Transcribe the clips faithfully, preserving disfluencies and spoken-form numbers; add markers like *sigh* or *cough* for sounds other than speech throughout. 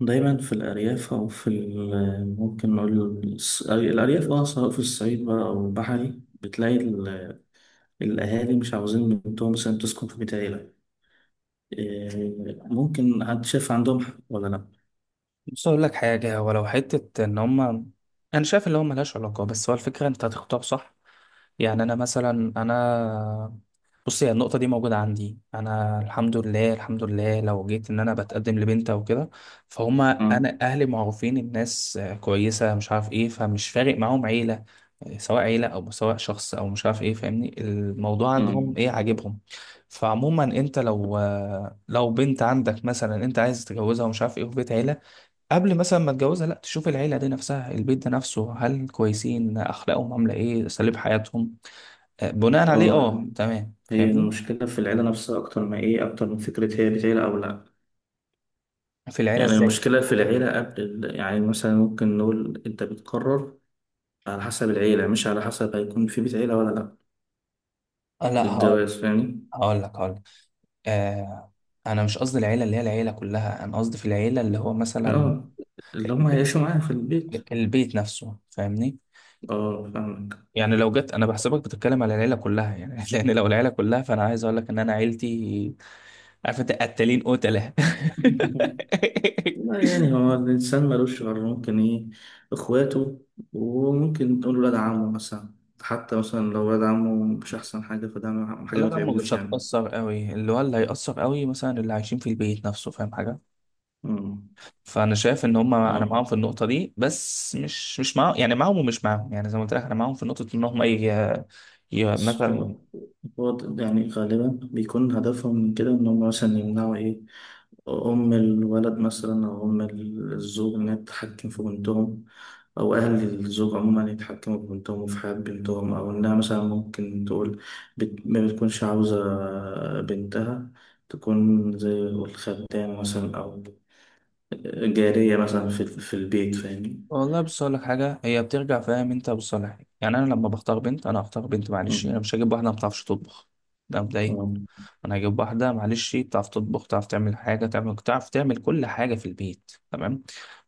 دايما في الأرياف أو في ال- ممكن نقول الص- الأرياف، أه سواء في الصعيد بقى أو البحري، بتلاقي ال- الأهالي مش عاوزين بنتهم مثلا تسكن في بيت عيلة. إيه، ممكن حد شايف عندهم حق ولا لأ؟ بص اقول لك حاجه، ولو حته ان هم انا شايف اللي هو ملهاش علاقه. بس هو الفكره انت هتختار صح. يعني انا مثلا انا بص هي النقطه دي موجوده عندي انا، الحمد لله. الحمد لله لو جيت ان انا بتقدم لبنت او كده، فهم مم. انا اهلي معروفين الناس، آه، كويسه مش عارف ايه، فمش فارق معاهم عيله. آه، سواء عيله او سواء شخص او مش عارف ايه، فاهمني؟ الموضوع مم. عندهم ايه عاجبهم. فعموما انت لو آه، لو بنت عندك مثلا انت عايز تتجوزها ومش عارف ايه في بيت عيله، قبل مثلا ما اتجوزها لا تشوف العيله دي نفسها، البيت ده نفسه، هل كويسين؟ اخلاقهم عامله ايه؟ اساليب حياتهم؟ آه، بناء عليه أه، اه يعني تمام. هي فاهمني؟ المشكلة في العيلة نفسها أكتر ما إيه أكتر من فكرة هي بيت عيلة أو لأ. في العيله يعني ازاي؟ المشكلة في العيلة قبل ال- يعني مثلا ممكن نقول أنت بتقرر على حسب العيلة، مش على حسب هيكون في بيت عيلة ولا لأ. آه، لا هقول. الجواز، فاهمني؟ هقول لك هقول لك آه، انا مش قصدي العيله اللي هي العيله كلها، انا قصدي في العيله اللي هو مثلا اه. اللي هم البيت هيعيشوا معايا في البيت. البيت نفسه، فاهمني؟ اه، فاهمك. يعني لو جت انا بحسبك بتتكلم على العيله كلها يعني *laughs* لان لو العيله كلها، فانا عايز اقول لك ان انا عيلتي عارف انت، قتالين قتله. *laughs* *laughs* لا، يعني هو الإنسان ملوش غير، ممكن إيه، إخواته، وممكن تقول ولاد عمه مثلا. حتى مثلا لو ولاد عمه مش أحسن حاجة، فده ما- حاجة لا ما يا عم، مش تعبوش يعني. هتأثر قوي. اللي هو اللي هيأثر قوي مثلا اللي عايشين في البيت نفسه، فاهم حاجة؟ أمم. فأنا شايف إن هم أنا اه، معاهم في النقطة دي، بس مش مش معاهم، يعني معاهم ومش معاهم، يعني زي ما قلت لك أنا معاهم في نقطة إن هم إيه، ي... بس مثلا. هو، هو يعني غالبا بيكون هدفهم من كده إن هم مثلا يمنعوا إيه، أم الولد مثلا، أو أم الزوج، إنها تتحكم في بنتهم، أو أهل الزوج عموما يتحكموا في بنتهم وفي حياة بنتهم، أو إنها مثلا ممكن تقول، بت... ما بتكونش عاوزة بنتها تكون زي الخدامة مثلا، أو جارية مثلا في، في البيت، فاهمني؟ والله بص أقول لك حاجة، هي بترجع، فاهم أنت؟ بصالح، يعني أنا لما بختار بنت أنا هختار بنت، معلش، أنا مم. مش هجيب واحدة ما بتعرفش تطبخ. ده مبدئيا. مم. أنا هجيب واحدة معلش بتعرف تطبخ، تعرف تعمل حاجة، تعمل تعرف تعمل كل حاجة في البيت، تمام؟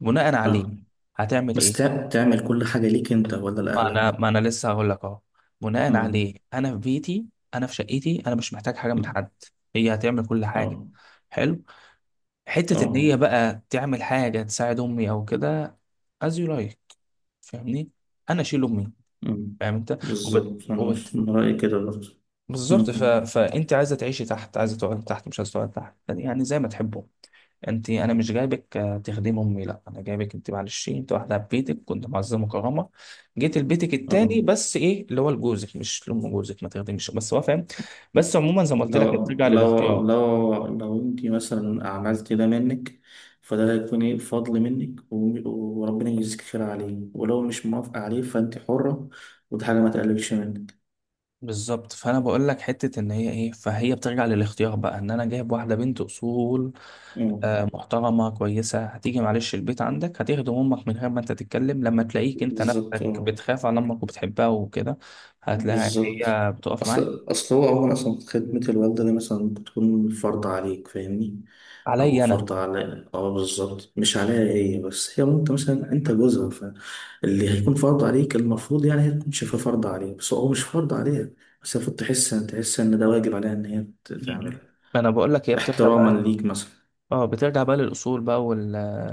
بناء عليه فاهم. هتعمل بس إيه؟ تع- تعمل كل حاجة ليك أنت ولا ما انا لأهلك؟ ما انا لسه هقول لك اهو. بناء مم. عليه انا في بيتي، انا في شقتي، انا مش محتاج حاجه من مم. حد. هي هتعمل كل حاجه، أه حلو. حته ان أه. هي بقى تعمل حاجه تساعد امي او كده، as you like، فاهمني؟ انا اشيل امي، مم. فاهم انت؟ بالظبط، أنا وبت... من رأيي كده برضه. بالظبط. ف... مم. فانت عايزه تعيشي تحت، عايزه تقعدي تحت، مش عايزه تقعدي تحت، يعني يعني زي ما تحبوا انت. انا مش جايبك آه، تخدمي امي، لا، انا جايبك انت معلش، انت واحده في بيتك كنت معززه مكرمه، جيت لبيتك اه. التاني. بس ايه اللي هو لجوزك، مش لام جوزك ما تخدميش، بس هو فاهم. بس عموما زي ما قلت لك هي لو بترجع لو للاختيار. لو لو انت مثلا عملت ده منك، فده هيكون ايه، فضل منك، و- وربنا يجزيك خير عليه، ولو مش موافقة عليه فانت حرة، ودي حاجة ما تقللش منك. بالظبط، فانا بقول لك حته ان هي ايه، فهي بترجع للاختيار بقى ان انا جايب واحده بنت اصول، اه آه، محترمة كويسة، هتيجي معلش البيت عندك هتخدم أمك من غير ما أنت تتكلم، لما تلاقيك أنت بالظبط. نفسك اه بتخاف على أمك وبتحبها وكده، هتلاقيها بالظبط. هي بتقف معاك. اصل اصل هو عموما اصلا خدمة الوالدة دي مثلا بتكون فرض عليك، فاهمني؟ او عليا أنا. فرض على، اه بالظبط مش عليها هي، بس هي، انت مثلا انت جوزها، فاللي هيكون فرض عليك المفروض يعني هي تكون شايفاه فرض عليها، بس هو مش فرض عليها. بس المفروض تحس، تحس ان ده واجب عليها، ان هي ت- م-م. تعمله، أنا بقول لك هي بترجع بقى احتراما ل- ليك مثلا. اه بترجع بقى للأصول بقى وال،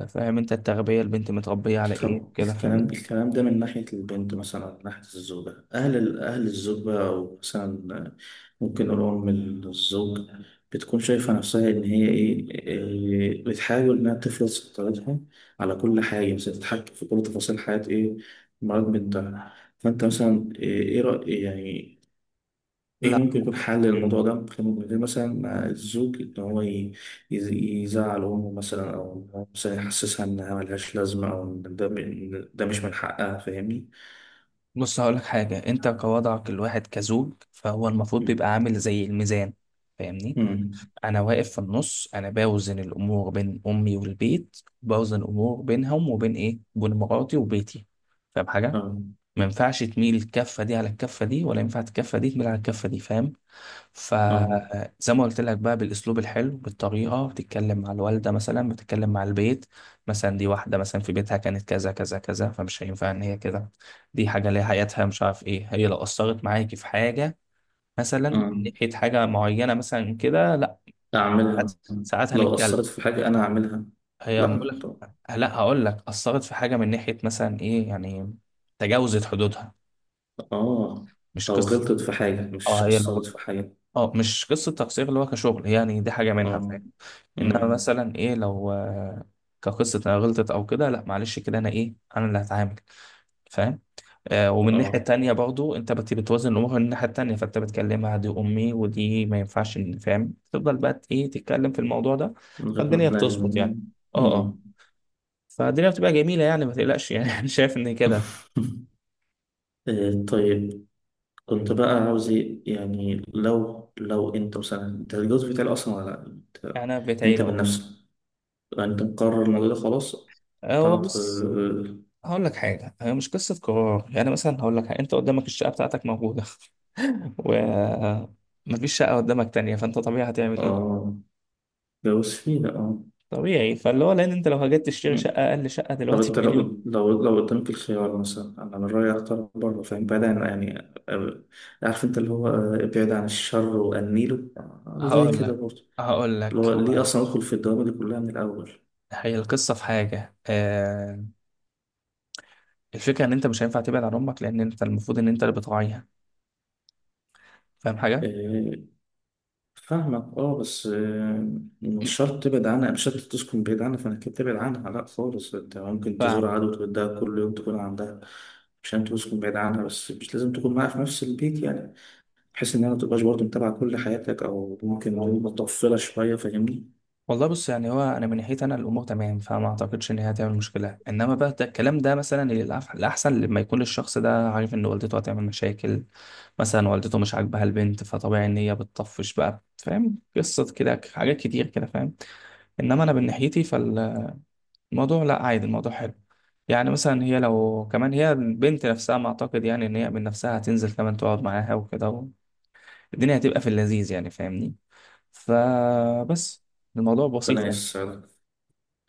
فاهم أنت؟ التربية البنت متربية على إيه طب كده، الكلام، فاهمني؟ الكلام ده من ناحية البنت مثلا، من ناحية الزوجة، أهل ال- أهل الزوجة، أو مثلا ممكن نقول أم الزوج، بتكون شايفة نفسها إن هي إيه، إيه، بتحاول إنها تفرض سيطرتها على كل حاجة، مثلا تتحكم في كل تفاصيل حياة إيه، مرات بنتها، فأنت مثلا إيه، إيه رأي يعني؟ ايه لا ممكن يكون حل للموضوع ده؟ ممكن، ممكن يكون مثلا مع الزوج ان هو، ي- يز- يزعل امه مثلا، او إن هو مثلا يحسسها انها ملهاش لازمه، او ان ده، إن ده مش من حقها، فاهمني. بص هقول لك حاجة، أنت كوضعك الواحد كزوج، فهو المفروض مم. بيبقى عامل زي الميزان، فاهمني؟ مم. انا واقف في النص، انا باوزن الامور بين امي والبيت، باوزن الامور بينهم وبين ايه، بين مراتي وبيتي، فاهم حاجه؟ اه ما ينفعش تميل الكفه دي على الكفه دي، ولا ينفع الكفه دي تميل على الكفه دي، فاهم؟ اه فزي ما قلت لك بقى بالاسلوب الحلو، بالطريقه، بتتكلم مع الوالده، مثلا بتتكلم مع البيت، مثلا دي واحده مثلا في بيتها كانت كذا كذا كذا، فمش هينفع ان هي كده، دي حاجه ليها حياتها مش عارف ايه. هي لو اثرت معاكي في حاجه مثلا اه. من ناحيه حاجه معينه مثلا كده، ساعات اعملها. ساعات لو هنتكلم. اثرت في حاجه انا اعملها. هي لا، بقول طب- لك، لا هقول لك، اثرت في حاجه من ناحيه مثلا ايه، يعني تجاوزت حدودها، اه، مش لو قصه، غلطت في حاجه مش اه هي اثرت لو، في حاجه. اه مش قصه تقصير اللي هو كشغل، يعني دي حاجه منها، اه. فاهم؟ انما مم. مثلا ايه لو آه، كقصه انا غلطت او كده، لا معلش كده انا ايه انا اللي هتعامل، فاهم؟ آه، ومن الناحيه اه. التانيه برضو انت بت- بتوازن الامور من الناحيه التانيه، فانت بتكلمها دي امي، ودي ما ينفعش إن، فاهم؟ تفضل بقى ايه تتكلم في الموضوع ده، من غير ما فالدنيا تلاقي. بتظبط يعني. اه مم. اه، فالدنيا بتبقى جميلة يعني، ما تقلقش يعني. *laughs* أنا شايف إن كده. *laughs* آه، طيب. كنت بقى عاوز إيه؟ يعني لو لو انت مثلا، انت الجواز بتاعي اصلا ولا لا؟ انت أنا في بيت انت عيلة من أهو. نفسك، انت مقرر الموضوع ده خلاص، هو قطعت. بص اه. هقول لك حاجة، هي مش قصة قرار. يعني مثلا هقول لك حاجة، أنت قدامك الشقة بتاعتك موجودة، *laughs* ومفيش شقة قدامك تانية، فأنت طبيعي هتعمل إيه؟ آه، جواز فيه لا اه. طبيعي، فاللي هو لأن أنت لو هجيت تشتري مم. شقة، أقل شقة طب دلوقتي انت لو، بمليون. لو لو قدامك الخيار مثلا، انا من رايي اختار بره، فاهم؟ بعيد عن يعني، آه، عارف انت اللي هو، آه، ابعد عن الشر وانيله، آه، زي هقول كده لك برضه. هقول اللي لك هو ليه هو اصلا ادخل في الدوامه دي كلها من الاول؟ هي القصة في حاجة، آه، الفكرة إن أنت مش هينفع تبعد عن أمك، لأن أنت المفروض إن أنت اللي بتراعيها، فاهم حاجة؟ آه، فاهمك، اه، بس، آه، مش شرط تبعد عنها، مش شرط تسكن بعيد عنها فانك تبعد عنها، لا خالص، انت ممكن فاهم. تزور عدو وتودها كل يوم تكون عندها. مش لازم تسكن بعيد عنها، بس مش لازم تكون معاها في نفس البيت يعني، بحيث انها ما تبقاش برضه متابعة كل حياتك، او ممكن نقول مطفلة شوية، فاهمني. والله بص، يعني هو انا من ناحيتي انا الامور تمام، فما اعتقدش ان هي هتعمل مشكله. انما بقى ده الكلام ده مثلا الأح- الاحسن لما يكون الشخص ده عارف ان والدته هتعمل مشاكل، مثلا والدته مش عاجبها البنت، فطبيعي ان هي بتطفش بقى، فاهم؟ قصه كده حاجات كتير كده، فاهم؟ انما انا من ناحيتي فالموضوع لا عادي، الموضوع حلو يعني. مثلا هي لو كمان، هي البنت نفسها، ما اعتقد يعني ان هي من نفسها هتنزل كمان تقعد معاها وكده، الدنيا هتبقى في اللذيذ يعني، فاهمني؟ فبس، الموضوع بسيط ربنا يعني. يسعدك.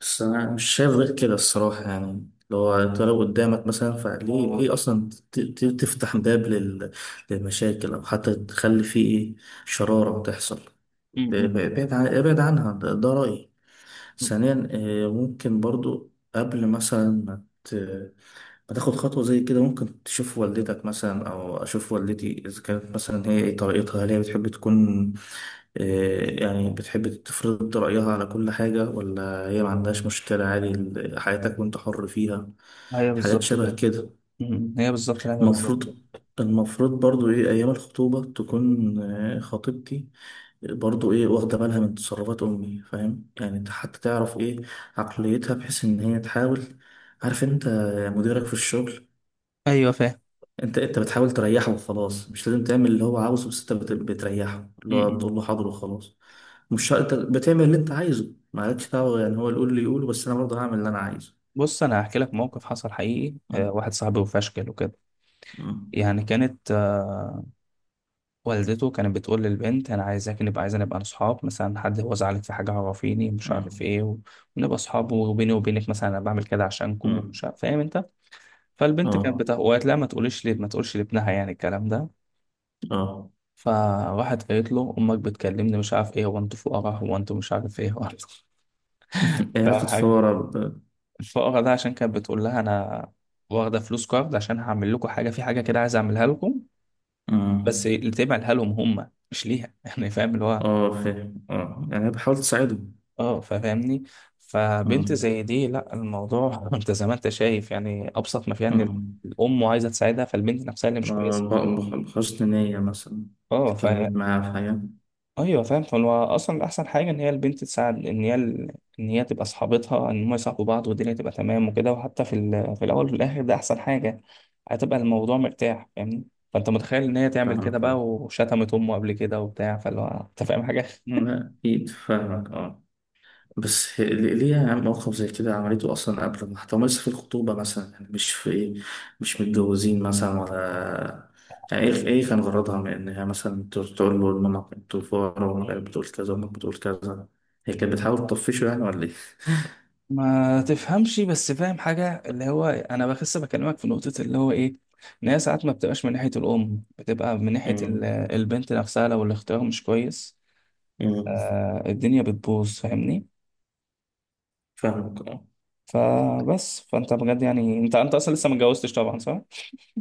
بس انا مش شايف غير كده الصراحة، يعني لو انت، لو قدامك مثلا، فليه، ليه اصلا ت- ت- تفتح باب لل- للمشاكل، او حتى تخلي فيه ايه شرارة تحصل؟ م- م. ابعد عن- ابعد عنها، ده، ده رأيي. ثانيا، آه، ممكن برضو قبل مثلا ما ت- ما تاخد خطوة زي كده، ممكن تشوف والدتك مثلا، أو أشوف والدتي، إذا كانت مثلا هي إيه طريقتها، هل هي بتحب تكون، آه، يعني بتحب تفرض رأيها على كل حاجة، ولا هي ما عندهاش مشكلة عادي، ال- حياتك وأنت حر فيها. هي حاجات بالظبط كده. شبه كده. م- م. هي بالظبط، لا هي بالظبط المفروض، كده. المفروض برضو ايه ايام الخطوبة تكون، آه، خطيبتي برضو ايه واخدة بالها من تصرفات امي، فاهم؟ يعني انت حتى تعرف ايه عقليتها، بحيث ان هي تحاول. عارف انت مديرك في الشغل؟ ايوه فاهم. انت انت بتحاول تريحه وخلاص، مش لازم تعمل اللي هو عاوزه، بس انت بت- بتريحه، م- اللي هو م. بتقول له حاضر وخلاص. مش شرط- انت بتعمل اللي انت عايزه، مالكش دعوة، يعني هو اللي يقول لي يقوله بس انا برضه هعمل اللي انا عايزه. بص انا هحكي لك موقف حصل حقيقي، م- آه، واحد صاحبي، وفشكل وكده، م- يعني كانت آه، والدته كانت بتقول للبنت انا عايزاك نبقى، عايزة نبقى اصحاب، مثلا حد هو زعلك في حاجه عرفيني مش عارف م- ايه، و- ونبقى اصحاب، وبيني وبينك مثلا انا بعمل كده عشانكم م- ومش عارف، فاهم انت؟ فالبنت كانت اه بتقول، وقالت لا ما تقوليش لي، ما تقولش لابنها يعني الكلام ده. اه. فراحت قالت له امك بتكلمني مش عارف ايه، هو انتوا فقراء، هو انتوا مش عارف ايه، هو إيه علاقة أنتوا-" *laughs* فورة ب، الفقرة ده عشان كانت بتقول لها أنا واخدة فلوس كارد عشان هعمل لكم حاجة، في حاجة كده عايز أعملها لكم، آه. بس اللي تعملها لهم هم مش ليها. *laughs* يعني فاهم اللي هو، آه، فاهم آه، يعني بحاول تساعدهم. اه فاهمني؟ آه. فبنت زي دي، لا الموضوع *laughs* انت زي ما انت شايف يعني، ابسط ما فيها ان آه. الام عايزه تساعدها، فالبنت نفسها اللي مش آه، كويسه، ب- بح- بحسن نية مثلا، اه. ف اتكلمت معاه في حاجة. ايوه فاهم، هو اصلا احسن حاجه ان هي البنت تساعد، ان هي ال... ان هي تبقى صحابتها، ان هم يصاحبوا بعض، والدنيا تبقى تمام وكده، وحتى في ال... في الاول وفي الاخر ده احسن حاجه، هتبقى الموضوع مرتاح، فاهمني؟ فانت متخيل ان هي تعمل كده فاهمك آه. بقى، وشتمت امه قبل كده وبتاع، فاللي هو انت فاهم حاجه؟ لا، أكيد فاهمك آه. بس هي- ليه، ليه يا عم موقف زي كده عملته أصلا قبل ما حتى لسه في الخطوبة مثلا يعني، مش في إيه، مش متجوزين مثلا ولا؟ يعني إيه، إيه كان غرضها من إن هي مثلا تقول، تقول له إنما أنتوا فقراء، وأمك بتقول كذا، وأمك بتقول كذا؟ هي كانت بتحاول تطفشه يعني ولا ما تفهمش بس، فاهم حاجه؟ اللي هو انا بخس بكلمك في نقطه اللي هو ايه، ان هي ساعات ما بتبقاش من ناحيه الام، بتبقى من ناحيه ال... إيه؟ البنت نفسها لو الاختيار مش كويس، مم. آه الدنيا بتبوظ، فاهمني؟ فاهمك اه. فبس، فانت بجد يعني، انت انت اصلا لسه ما اتجوزتش طبعا، صح؟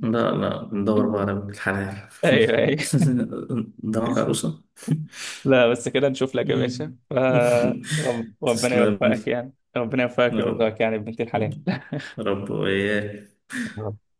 لا، لا *clears throat* ندور بقى *laughs* على بنت الحلال. ايوه ايوه. *laughs* قدامك عروسة. لا بس كده نشوف لك يا باشا، مم. ف- *laughs* رب- ربنا تسلم يوفقك لي. يعني، ربنا يوفقك يا ويرزقك رب. يعني بنتي الحلال. يا رب وإياك. *laughs*